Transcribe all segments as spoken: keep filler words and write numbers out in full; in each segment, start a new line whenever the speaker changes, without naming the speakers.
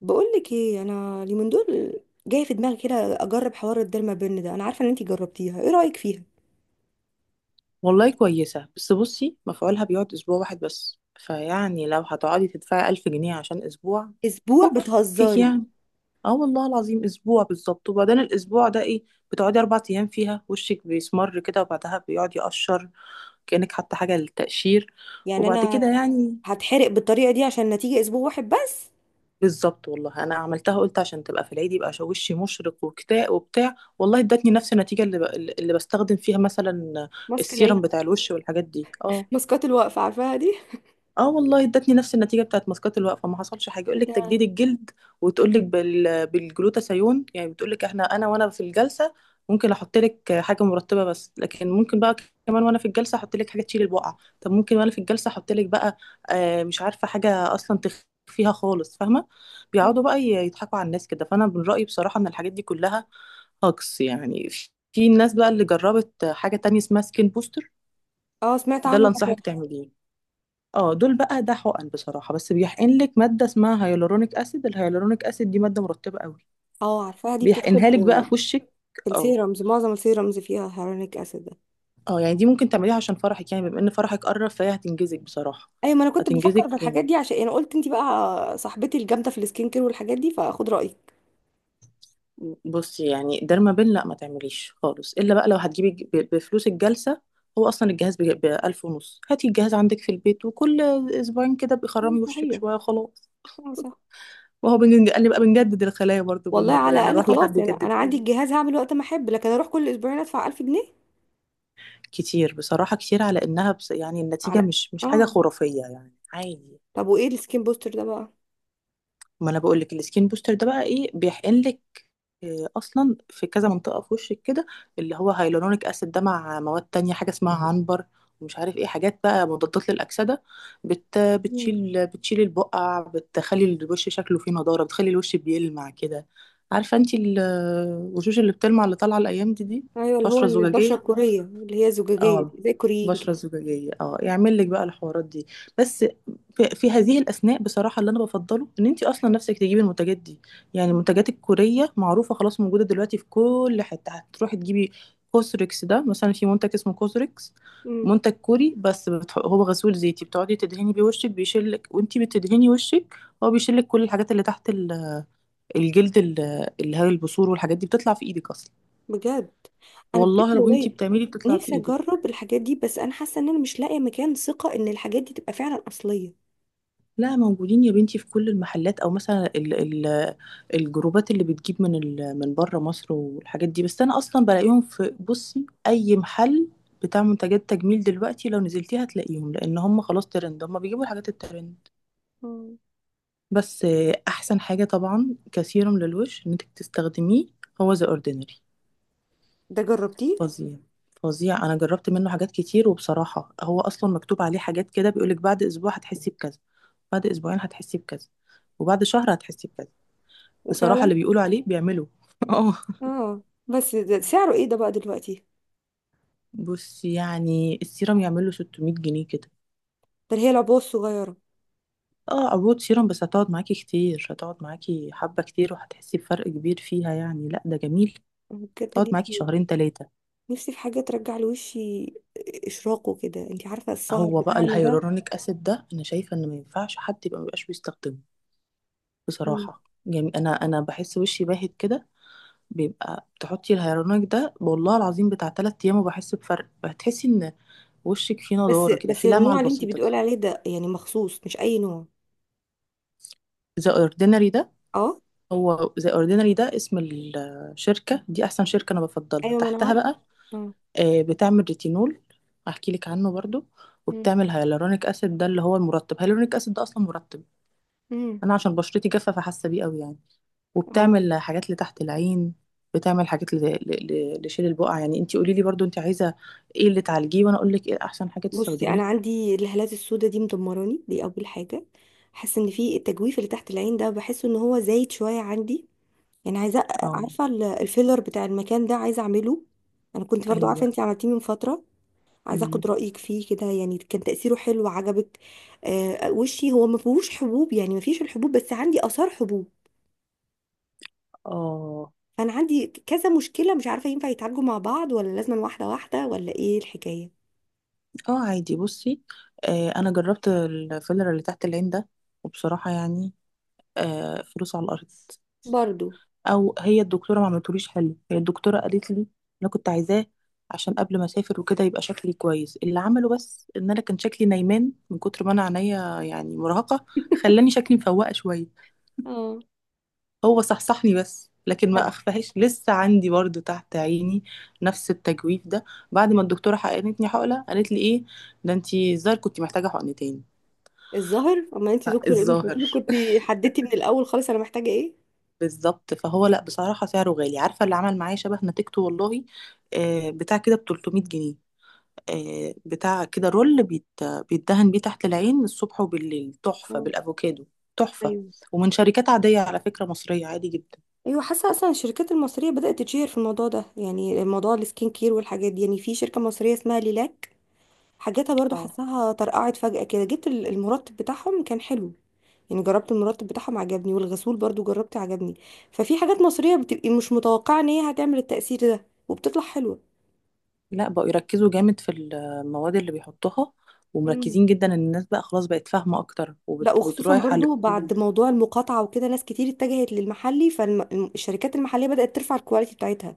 بقولك ايه، انا اليومين دول جاي في دماغي كده اجرب حوار الديرما بن ده. انا عارفه ان انتي جربتيها، ايه رايك فيها؟
والله كويسة، بس بصي مفعولها بيقعد أسبوع واحد بس، فيعني لو هتقعدي تدفعي ألف جنيه عشان أسبوع.
اسبوع؟
فكك
بتهزري!
يعني. اه والله العظيم أسبوع بالظبط، وبعدين الأسبوع ده إيه؟ بتقعدي أربع أيام فيها وشك بيسمر كده، وبعدها بيقعد يقشر كأنك حاطة حاجة للتقشير.
يعني
وبعد كده
انا
يعني
هتحرق بالطريقه دي عشان نتيجه اسبوع واحد بس؟
بالظبط والله. أنا عملتها، قلت عشان تبقى في العيد يبقى شو- وشي مشرق وكتاء وبتاع، والله ادتني نفس النتيجة اللي, ب... اللي بستخدم فيها مثلا
ماسك العيد.
السيرم بتاع الوش والحاجات دي، اه.
ماسكات الوقفه عارفاها دي.
اه والله ادتني نفس النتيجه بتاعت ماسكات الوقفه، ما حصلش حاجه. يقول
إيه
لك
ده-
تجديد الجلد وتقول لك بال... بالجلوتاثيون، يعني بتقول لك احنا انا وانا في الجلسه ممكن احط لك حاجه مرطبه بس، لكن ممكن بقى كمان وانا في الجلسه احط لك حاجه تشيل البقع، طب ممكن وانا في الجلسه احط لك بقى آه مش عارفه حاجه اصلا تخفيها خالص، فاهمه؟ بيقعدوا بقى ي- يضحكوا على الناس كده. فانا من رايي بصراحه ان الحاجات دي كلها هاكس. يعني في في الناس بقى اللي جربت حاجه تانية اسمها سكين بوستر.
اه سمعت
ده
عنه
اللي
ده.
انصحك تعمليه. اه، دول بقى ده حقن بصراحه، بس بيحقن لك ماده اسمها هيالورونيك اسيد. الهيالورونيك اسيد دي ماده مرطبه قوي،
اه عارفاها دي، بتدخل
بيحقنها
في،
لك بقى في وشك.
في
اه
السيرمز. معظم السيرمز فيها هيرونيك اسيد ده.
اه، يعني دي ممكن تعمليها عشان فرحك، يعني بما ان فرحك قرب فهي هتنجزك بصراحه.
ايوه، ما انا كنت بفكر
هتنجزك
في الحاجات
جامد.
دي. عشان انا قلت انتي بقى صاحبتي الجامده في السكين كير والحاجات دي، فاخد رايك.
بصي يعني درمابين لا ما تعمليش خالص، الا بقى لو هتجيبي ج- ب- بفلوس الجلسه. هو اصلا الجهاز ب ألف ونص، هاتي الجهاز عندك في البيت وكل اسبوعين كده
اه
بيخرمي وشك
صحيح.
شويه وخلاص.
اه صح.
وهو بنج- قال لي بقى بنجدد الخلايا برضو
والله
بالمره،
على
يعني
الاقل
اروح لحد
خلاص، يعني انا
يجددها
عندي
لي.
الجهاز هعمل وقت ما احب، لكن اروح كل اسبوعين ادفع ألف جنيه؟
كتير بصراحة، كتير على انها بس يعني النتيجة
على.
مش مش حاجة
اه.
خرافية، يعني عادي.
طب وايه السكين بوستر ده بقى؟
ما انا بقول لك السكين بوستر ده بقى ايه، بيحقن لك إيه اصلا في كذا منطقة في وشك كده، اللي هو هيلورونيك اسيد ده مع مواد تانية، حاجة اسمها عنبر ومش عارف ايه، حاجات بقى مضادات للأكسدة. بت
مم.
بتشيل بتشيل البقع، بتخلي الوش شكله فيه نضارة، بتخلي الوش بيلمع كده. عارفة انتي ال- الوشوش اللي بتلمع اللي طالعة الأيام دي دي
ايوه، اللي هو
بشرة
البشره
زجاجية،
الكوريه اللي هي زجاجيه دي،
اه.
زي الكوريين كده.
بشرة زجاجية اه، يعمل لك بقى الحوارات دي. بس في, في هذه الأثناء بصراحة اللي أنا بفضله إن أنت أصلا نفسك تجيبي المنتجات دي. يعني
مم.
المنتجات الكورية معروفة خلاص، موجودة دلوقتي في كل حتة هتروحي تجيبي. كوسريكس ده مثلا، في منتج اسمه كوسريكس،
مم.
منتج كوري بس بتح... هو غسول زيتي بتقعدي تدهني بيه وشك، بيشيلك وانتي بتدهني وشك. هو بيشيلك كل الحاجات اللي تحت ال- الجلد ال- اللي هي البثور والحاجات دي، بتطلع في ايدك اصلا.
بجد؟ انا بجد
والله لو انتي
والله
بتعملي بتطلع في
نفسي
ايدك.
اجرب الحاجات دي، بس انا حاسه ان انا مش لاقيه مكان ثقه ان الحاجات دي تبقى فعلا اصليه.
لا موجودين يا بنتي في كل المحلات، او مثلا ال ال الجروبات اللي بتجيب من ال من بره مصر والحاجات دي، بس انا اصلا بلاقيهم في، بصي اي محل بتاع منتجات تجميل دلوقتي لو نزلتيها هتلاقيهم، لان هم خلاص ترند، هم بيجيبوا الحاجات الترند.
مم.
بس آه، احسن حاجه طبعا كسيروم للوش انك تستخدميه هو ذا اوردينري.
ده جربتيه؟
فظيع، فظيع. انا جربت منه حاجات كتير وبصراحه هو اصلا مكتوب عليه حاجات كده، بيقولك بعد اسبوع هتحسي بكذا، بعد اسبوعين هتحسي بكذا، وبعد شهر هتحسي بكذا. بصراحة
وفعلا؟
اللي بيقولوا عليه بيعملوا. اه.
اه بس ده سعره ايه ده بقى دلوقتي؟
بص، يعني السيرم يعمل له ستمائة جنيه كده.
ده اللي هي العبوه الصغيره؟
اه، عروض. سيرم بس هتقعد معاكي كتير، هتقعد معاكي حبة كتير، وهتحسي بفرق كبير فيها يعني، لا ده جميل.
أنا بجد
تقعد معاكي
نفسي،
شهرين تلاتة.
نفسي في حاجة ترجع لوشي إشراقه كده. انتي عارفة السهر
هو بقى
بتاعنا ده.
الهيالورونيك اسيد ده انا شايفة ان ما ينفعش حد يبقى مبيبقاش بيستخدمه.
مم.
بصراحة يعني انا انا بحس وشي باهت كده. بيبقى بتحطي الهيالورونيك ده والله العظيم بتاع تلات ايام وبحس بفرق، هتحسي ان وشك فيه
بس
نضارة كده،
بس
فيه لمعة
النوع اللي انتي
البسيطة دي.
بتقولي عليه ده يعني مخصوص، مش أي نوع؟
ذا اوردينري.
اه.
هو ذا اوردينري ده اسم الشركة، دي أحسن شركة أنا بفضلها
أيوة ما أنا
تحتها
عارفة.
بقى.
اه.
آه، بتعمل ريتينول، هحكي لك عنه برضو.
مم.
وبتعمل هيالورونيك أسيد، ده اللي هو المرطب. هيالورونيك أسيد ده أصلا مرطب.
مم.
أنا عشان بشرتي جافة فحاسة بيه قوي يعني.
اه.
وبتعمل حاجات لتحت العين، بتعمل حاجات ل- ل- ل- لشيل البقع. يعني انتي قولي لي برضو انتي عايزة ايه اللي تعالجيه وأنا أقول لك ايه أحسن حاجة
بصي أنا
تستخدميها.
عندي الهالات السوداء دي مدمراني، دي أول حاجة. حاسة إن في التجويف اللي تحت العين ده، بحس إن هو زايد شوية عندي، يعني عايزة،
اه.
عارفة ال- الفيلر بتاع المكان ده، عايزة أعمله. أنا كنت برضو عارفة
أيوه.
انتي عملتيه من فترة، عايزه
أمم.
اخد رايك فيه كده، يعني كان تاثيره حلو؟ عجبك؟ آه، وشي هو ما فيهوش حبوب، يعني ما فيش الحبوب، بس عندي اثار حبوب.
اه
فانا عندي كذا مشكله، مش عارفه ينفع يتعالجوا مع بعض ولا لازم واحده واحده، ولا ايه الحكايه؟
اه. عادي بصي. آه انا جربت الفيلر اللي تحت العين ده، وبصراحه يعني آه فلوس على الارض.
برضو.
او هي الدكتوره ما عملتوليش حلو. هي الدكتوره قالت لي، انا كنت عايزاه عشان قبل ما اسافر وكده يبقى شكلي كويس. اللي عمله بس ان انا كان شكلي نايمان من كتر ما انا عينيا يعني مرهقه، خلاني شكلي مفوقه شويه.
اه.
هو صحصحني بس، لكن ما اخفهاش. لسه عندي برضو تحت عيني نفس التجويف ده. بعد ما الدكتوره حقنتني حقنه قالت لي ايه، ده انتي الظاهر كنت محتاجه حقنتين.
الظاهر. اما انت دكتور، ايه مش المفروض
الظاهر.
كنت حددتي من الاول خالص انا محتاجه ايه؟
بالظبط. فهو لا بصراحة سعره غالي. عارفة اللي عمل معايا شبه نتيجته والله، آه، بتاع كده ب تلتمية جنيه، آه، بتاع كده رول بيت، بيتدهن بيه تحت العين الصبح وبالليل، تحفة
اه.
بالأفوكادو. تحفة.
ايوه.
ومن شركات عادية على فكرة، مصرية عادي جدا.
ايوه، حاسه اصلا الشركات المصريه بدات تتشهر في الموضوع ده، يعني موضوع السكين كير والحاجات دي. يعني في شركه مصريه اسمها ليلاك، حاجاتها برضو
اه،
حاساها طرقعت فجأة كده. جبت ال- المرطب بتاعهم كان حلو، يعني جربت المرطب بتاعهم عجبني، والغسول برضو جربت عجبني. ففي حاجات مصرية بتبقي مش متوقعة ان هي هتعمل التأثير ده وبتطلع حلوة.
لا بقوا يركزوا جامد في المواد اللي بيحطوها،
مم.
ومركزين جدا ان الناس بقى خلاص بقت فاهمة اكتر
لا، وخصوصا
وبتروح على
برضو بعد
الكول.
موضوع المقاطعة وكده ناس كتير اتجهت للمحلي، فالشركات المحلية بدأت ترفع الكواليتي بتاعتها.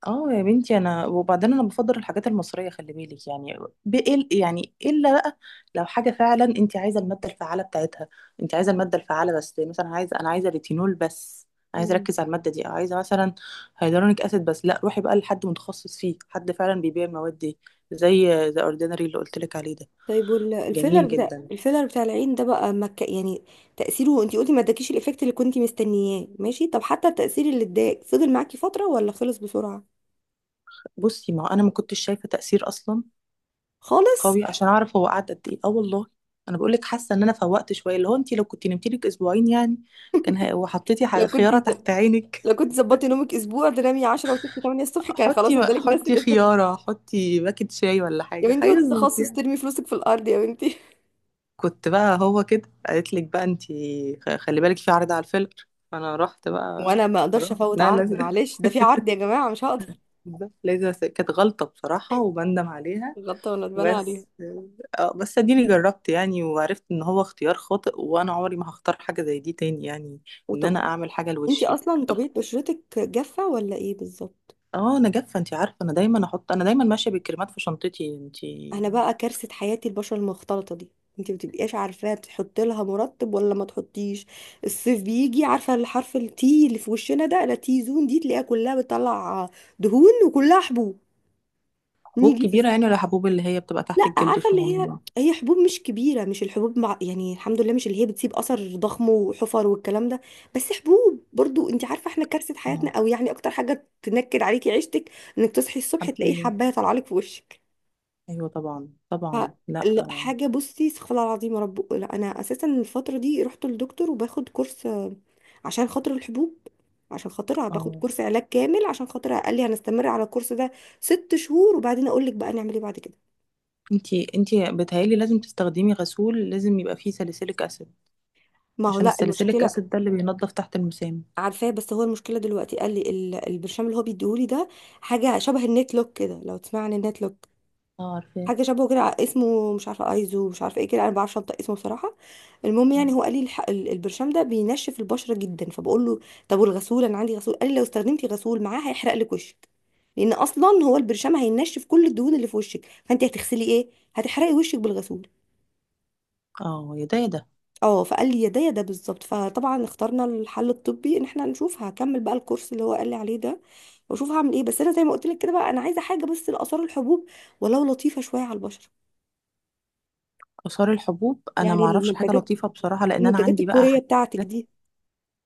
اه يا بنتي. انا وبعدين انا بفضل الحاجات المصريه، خلي بالك يعني. بإل يعني الا بقى لو حاجه فعلا انت عايزه الماده الفعاله بتاعتها. انت عايزه الماده الفعاله بس، مثلا عايزه انا عايزه ريتينول بس، عايزه
مم.
اركز على الماده دي، او عايزه مثلا هيدرونيك اسيد بس، لا روحي بقى لحد متخصص فيه، حد فعلا بيبيع المواد دي زي ذا اوردينري اللي قلت لك عليه ده.
طيب والفيلر،
جميل
بتاع
جدا.
الفيلر بتاع العين ده بقى مك... يعني تأثيره، انتي قلتي ما اداكيش الإفكت اللي كنتي مستنياه، ماشي. طب حتى التأثير اللي اداك، فضل معاكي فترة ولا خلص بسرعة؟
بصي ما هو انا ما كنتش شايفه تاثير اصلا
خالص؟
قوي عشان اعرف هو قعد قد ايه، اه والله. انا بقول لك حاسه ان انا فوقت شويه، اللي هو انت لو كنت نمتي لك اسبوعين يعني كان هي- وحطيتي ح-
لو كنت
خياره تحت عينك.
لو كنت ظبطتي نومك اسبوع، تنامي عشرة وتصحي ثمانية الصبح، كان خلاص
حطي
ادالك نفس
حطي
الافيه.
خياره، حطي باكت شاي ولا
يا
حاجه
بنتي، وانت
هيظبط
تخصص
يعني.
ترمي فلوسك في الارض يا بنتي.
كنت بقى هو كده قالت لك بقى، انت خ- خلي بالك في عرض على الفيلر، فانا رحت بقى.
وانا ما اقدرش
رحت
افوت
لا
عرض،
لازم.
معلش ده في عرض يا جماعه، مش هقدر.
بالظبط، لازم. أس- كانت غلطه بصراحه وبندم عليها.
غلطانه اتبنى عليها.
بس اه، بس اديني جربت يعني وعرفت ان هو اختيار خاطئ، وانا عمري ما هختار حاجه زي دي تاني يعني، ان
وطب
انا اعمل حاجه
انت
لوشي.
اصلا طبيعه بشرتك جافه ولا ايه بالظبط؟
اه انا جافه، انتي عارفه انا دايما احط انا دايما ماشيه بالكريمات في شنطتي انتي.
انا بقى كارثه حياتي البشره المختلطه دي. انت ما بتبقيش عارفه تحط لها مرطب ولا ما تحطيش. الصيف بيجي، عارفه الحرف التي اللي في وشنا ده، لا تي زون دي، تلاقيها كلها بتطلع دهون وكلها حبوب.
حبوب
نيجي في.
كبيره يعني ولا حبوب اللي هي بتبقى تحت
لا،
الجلد
عارفه اللي هي،
صغننه؟
هي حبوب مش كبيره، مش الحبوب مع... يعني الحمد لله مش اللي هي بتسيب اثر ضخم وحفر والكلام ده. بس حبوب برضو، انت عارفه احنا كارثه حياتنا،
اه،
او يعني اكتر حاجه تنكد عليكي عيشتك انك تصحي الصبح تلاقيه
حبية.
حبايه طالعه لك في وشك.
ايوه طبعا طبعا، لا
لا
اه.
حاجه. بصي استغفر الله العظيم، يا رب لا. انا اساسا الفتره دي رحت للدكتور وباخد كورس، آه، عشان خاطر الحبوب، عشان خاطرها باخد
آه.
كورس علاج كامل. عشان خاطرها قال لي هنستمر على الكورس ده ست شهور، وبعدين اقول لك بقى نعمل ايه بعد كده.
انتي انتي بتهيألي لازم تستخدمي غسول، لازم يبقى فيه ساليسيليك اسيد،
ما هو
عشان
لا،
الساليسيليك
المشكله.
اسيد ده اللي بينضف تحت المسام.
عارفاه، بس هو المشكله دلوقتي قال لي ال- البرشام اللي هو بيديهولي ده حاجه شبه النت لوك كده، لو تسمع عن النت لوك.
اه عارفاه.
حاجه شبهه كده، ع- اسمه مش عارفه ايزو مش عارفه ايه كده، انا ما بعرفش انطق اسمه بصراحه. المهم
اه
يعني هو قال لي الح- ال- البرشام ده بينشف البشره جدا، فبقول له طب والغسول، انا عندي غسول. قال لي لو استخدمتي غسول معاه هيحرق لك وشك، لان اصلا هو البرشام هينشف كل الدهون اللي في وشك، فانت هتغسلي ايه؟ هتحرقي وشك بالغسول.
اه يا ده يا ده.
اه. فقال لي يا ده يا ده بالظبط. فطبعا اخترنا الحل الطبي ان احنا نشوف، هكمل بقى الكورس اللي هو قال لي عليه ده، واشوف هعمل ايه. بس انا زي ما قلت لك كده بقى، انا عايزه حاجه بس لاثار الحبوب، ولو لطيفه شويه على البشره.
آثار الحبوب انا
يعني
ما اعرفش حاجه
المنتجات،
لطيفه بصراحه، لان انا
المنتجات
عندي بقى
الكورية
حاجات.
بتاعتك دي.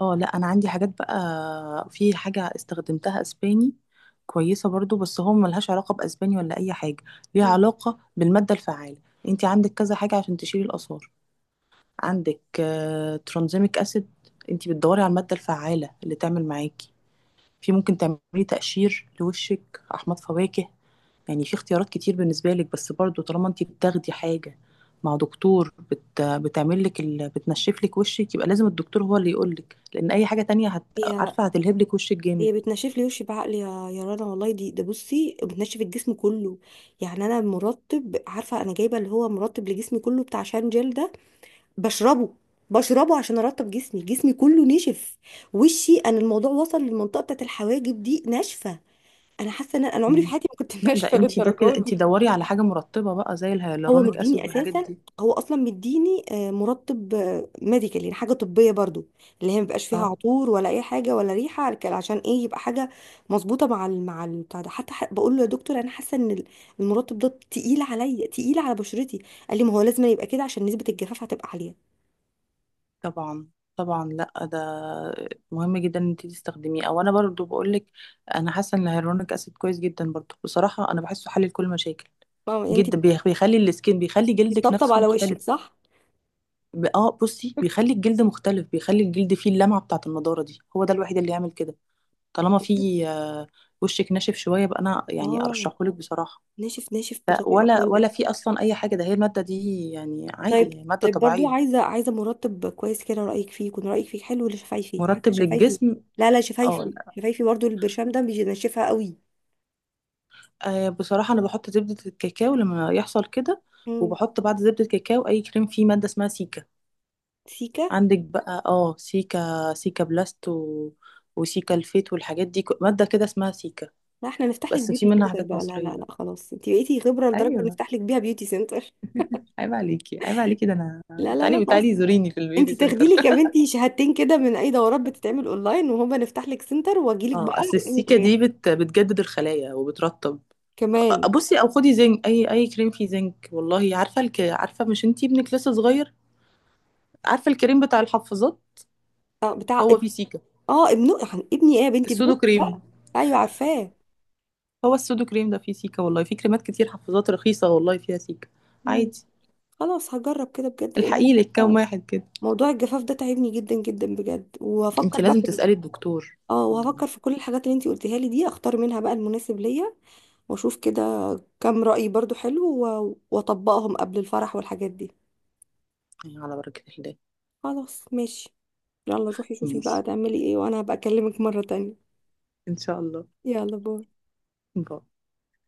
اه لا انا عندي حاجات بقى، في حاجه استخدمتها اسباني كويسه برضو، بس هو ملهاش علاقه باسباني ولا اي حاجه، ليها
مم.
علاقه بالماده الفعاله. انت عندك كذا حاجه عشان تشيلي الاثار. عندك ترانزيميك اسيد. انت بتدوري على الماده الفعاله اللي تعمل معاكي. في ممكن تعملي تقشير لوشك، احماض فواكه، يعني في اختيارات كتير بالنسبه لك. بس برضو طالما انت بتاخدي حاجه مع دكتور بت... بتعمل لك ال... بتنشف لك وشك، يبقى لازم الدكتور هو اللي يقول لك، لان اي حاجه تانية هت...
هي،
عارفه هتلهب لك وشك جامد.
هي بتنشف لي وشي بعقلي يا، يا رنا والله. دي ده بصي بتنشف الجسم كله. يعني انا مرطب، عارفه انا جايبه اللي هو مرطب لجسمي كله بتاع شان جل ده، بشربه، بشربه عشان ارطب جسمي، جسمي كله نشف. وشي انا الموضوع وصل للمنطقه بتاعت الحواجب دي ناشفه. انا حاسه ان انا، أنا عمري في
مم.
حياتي ما كنت
لا ده
ناشفه
انت ده كده،
للدرجه
انت
دي.
دوري على حاجه مرطبه بقى زي
هو
الهيالورونيك
مديني
اسيد والحاجات
اساسا،
دي.
هو اصلا مديني آه، مرطب ميديكال يعني حاجه طبيه برضو، اللي هي مبيبقاش فيها
اه،
عطور ولا اي حاجه ولا ريحه على- عشان ايه يبقى حاجه مظبوطه مع... ال... مع ال- بتاع ده. حتى ح... بقول له يا دكتور، انا حاسه ان ال- المرطب ده تقيل عليا، تقيل على بشرتي. قال لي ما هو لازم يبقى كده عشان نسبه الجفاف هتبقى عاليه.
طبعا طبعا. لا ده مهم جدا ان انت تستخدميه. او انا برضو بقولك انا حاسه ان الهيرونيك اسيد كويس جدا برضو، بصراحه انا بحسه حل لكل مشاكل،
فاهمه يعني انت
جدا بيخ- بيخلي السكين، بيخلي جلدك
بتطبطب
نفسه
على وشك
مختلف.
صح.
ب- اه بصي بيخلي الجلد مختلف، بيخلي الجلد فيه اللمعه بتاعه النضاره دي، هو ده الوحيد اللي يعمل كده. طالما فيه آه، وشك ناشف شويه بقى، انا يعني
اه.
ارشحهولك بصراحه.
ناشف ناشف
لا
بطريقه
ولا
ولا؟
ولا، في اصلا اي حاجه؟ ده هي الماده دي يعني
طيب.
عادي، هي ماده
طيب برضو
طبيعيه.
عايزه، عايزه مرتب كويس كده رايك فيه، يكون رايك فيه حلو. ولا شفايفي، حتى
مرطب
شفايفي.
للجسم.
لا لا،
اه.
شفايفي، شفايفي برضو البرشام ده بينشفها قوي.
آه بصراحة أنا بحط زبدة الكاكاو لما يحصل كده.
امم.
وبحط بعد زبدة الكاكاو أي كريم فيه مادة اسمها سيكا.
سيكا.
عندك بقى اه، سيكا، سيكا بلاست و... وسيكا الفيت والحاجات دي، ك- مادة كده اسمها سيكا.
لا احنا نفتح لك
بس في
بيوتي
منها
سنتر
حاجات
بقى. لا لا
مصرية.
لا خلاص، انت بقيتي خبره لدرجه
ايوه.
نفتح لك بيها بيوتي سنتر.
عيب عليكي عيب عليكي، ده انا
لا لا لا
تعالي
خلاص،
تعالي زوريني في
انت
البيوتي سنتر.
تاخدي لك يا بنتي شهادتين كده من اي دورات بتتعمل اونلاين، وهما نفتح لك سنتر واجي لك
اه
بقى.
أصل السيكا
وتريح
دي بت... بتجدد الخلايا وبترطب. آه،
كمان.
بصي، أو خدي زنك، أي أي كريم فيه زنك والله. عارفة الك... عارفة، مش انتي ابنك لسه صغير؟ عارفة الكريم بتاع الحفاظات،
اه. بتاع
هو
اب-
فيه سيكا.
اه ابن، ابني ايه يا بنتي، ابن
السودو
أختي بقى.
كريم،
ايوه عارفاه.
هو السودو كريم ده فيه سيكا والله. في كريمات كتير حفاظات رخيصة والله فيها سيكا،
مم.
عادي.
خلاص هجرب كده بجد، لان انا
الحقيقي لك
حاسة
كام واحد كده.
موضوع الجفاف ده تعبني جدا جدا بجد.
انت
وهفكر بقى
لازم
في ال-
تسألي الدكتور.
اه،
مم.
وهفكر في كل الحاجات اللي انتي قلتيها لي دي، اختار منها بقى المناسب ليا واشوف كده. كام رأي برضو حلو و- واطبقهم قبل الفرح والحاجات دي.
على بركة الله.
خلاص ماشي. يلا روحي شوفي بقى
ماشي.
تعملي ايه، وانا هبقى اكلمك مرة تانية.
ان شاء الله.
يلا باي.
باي.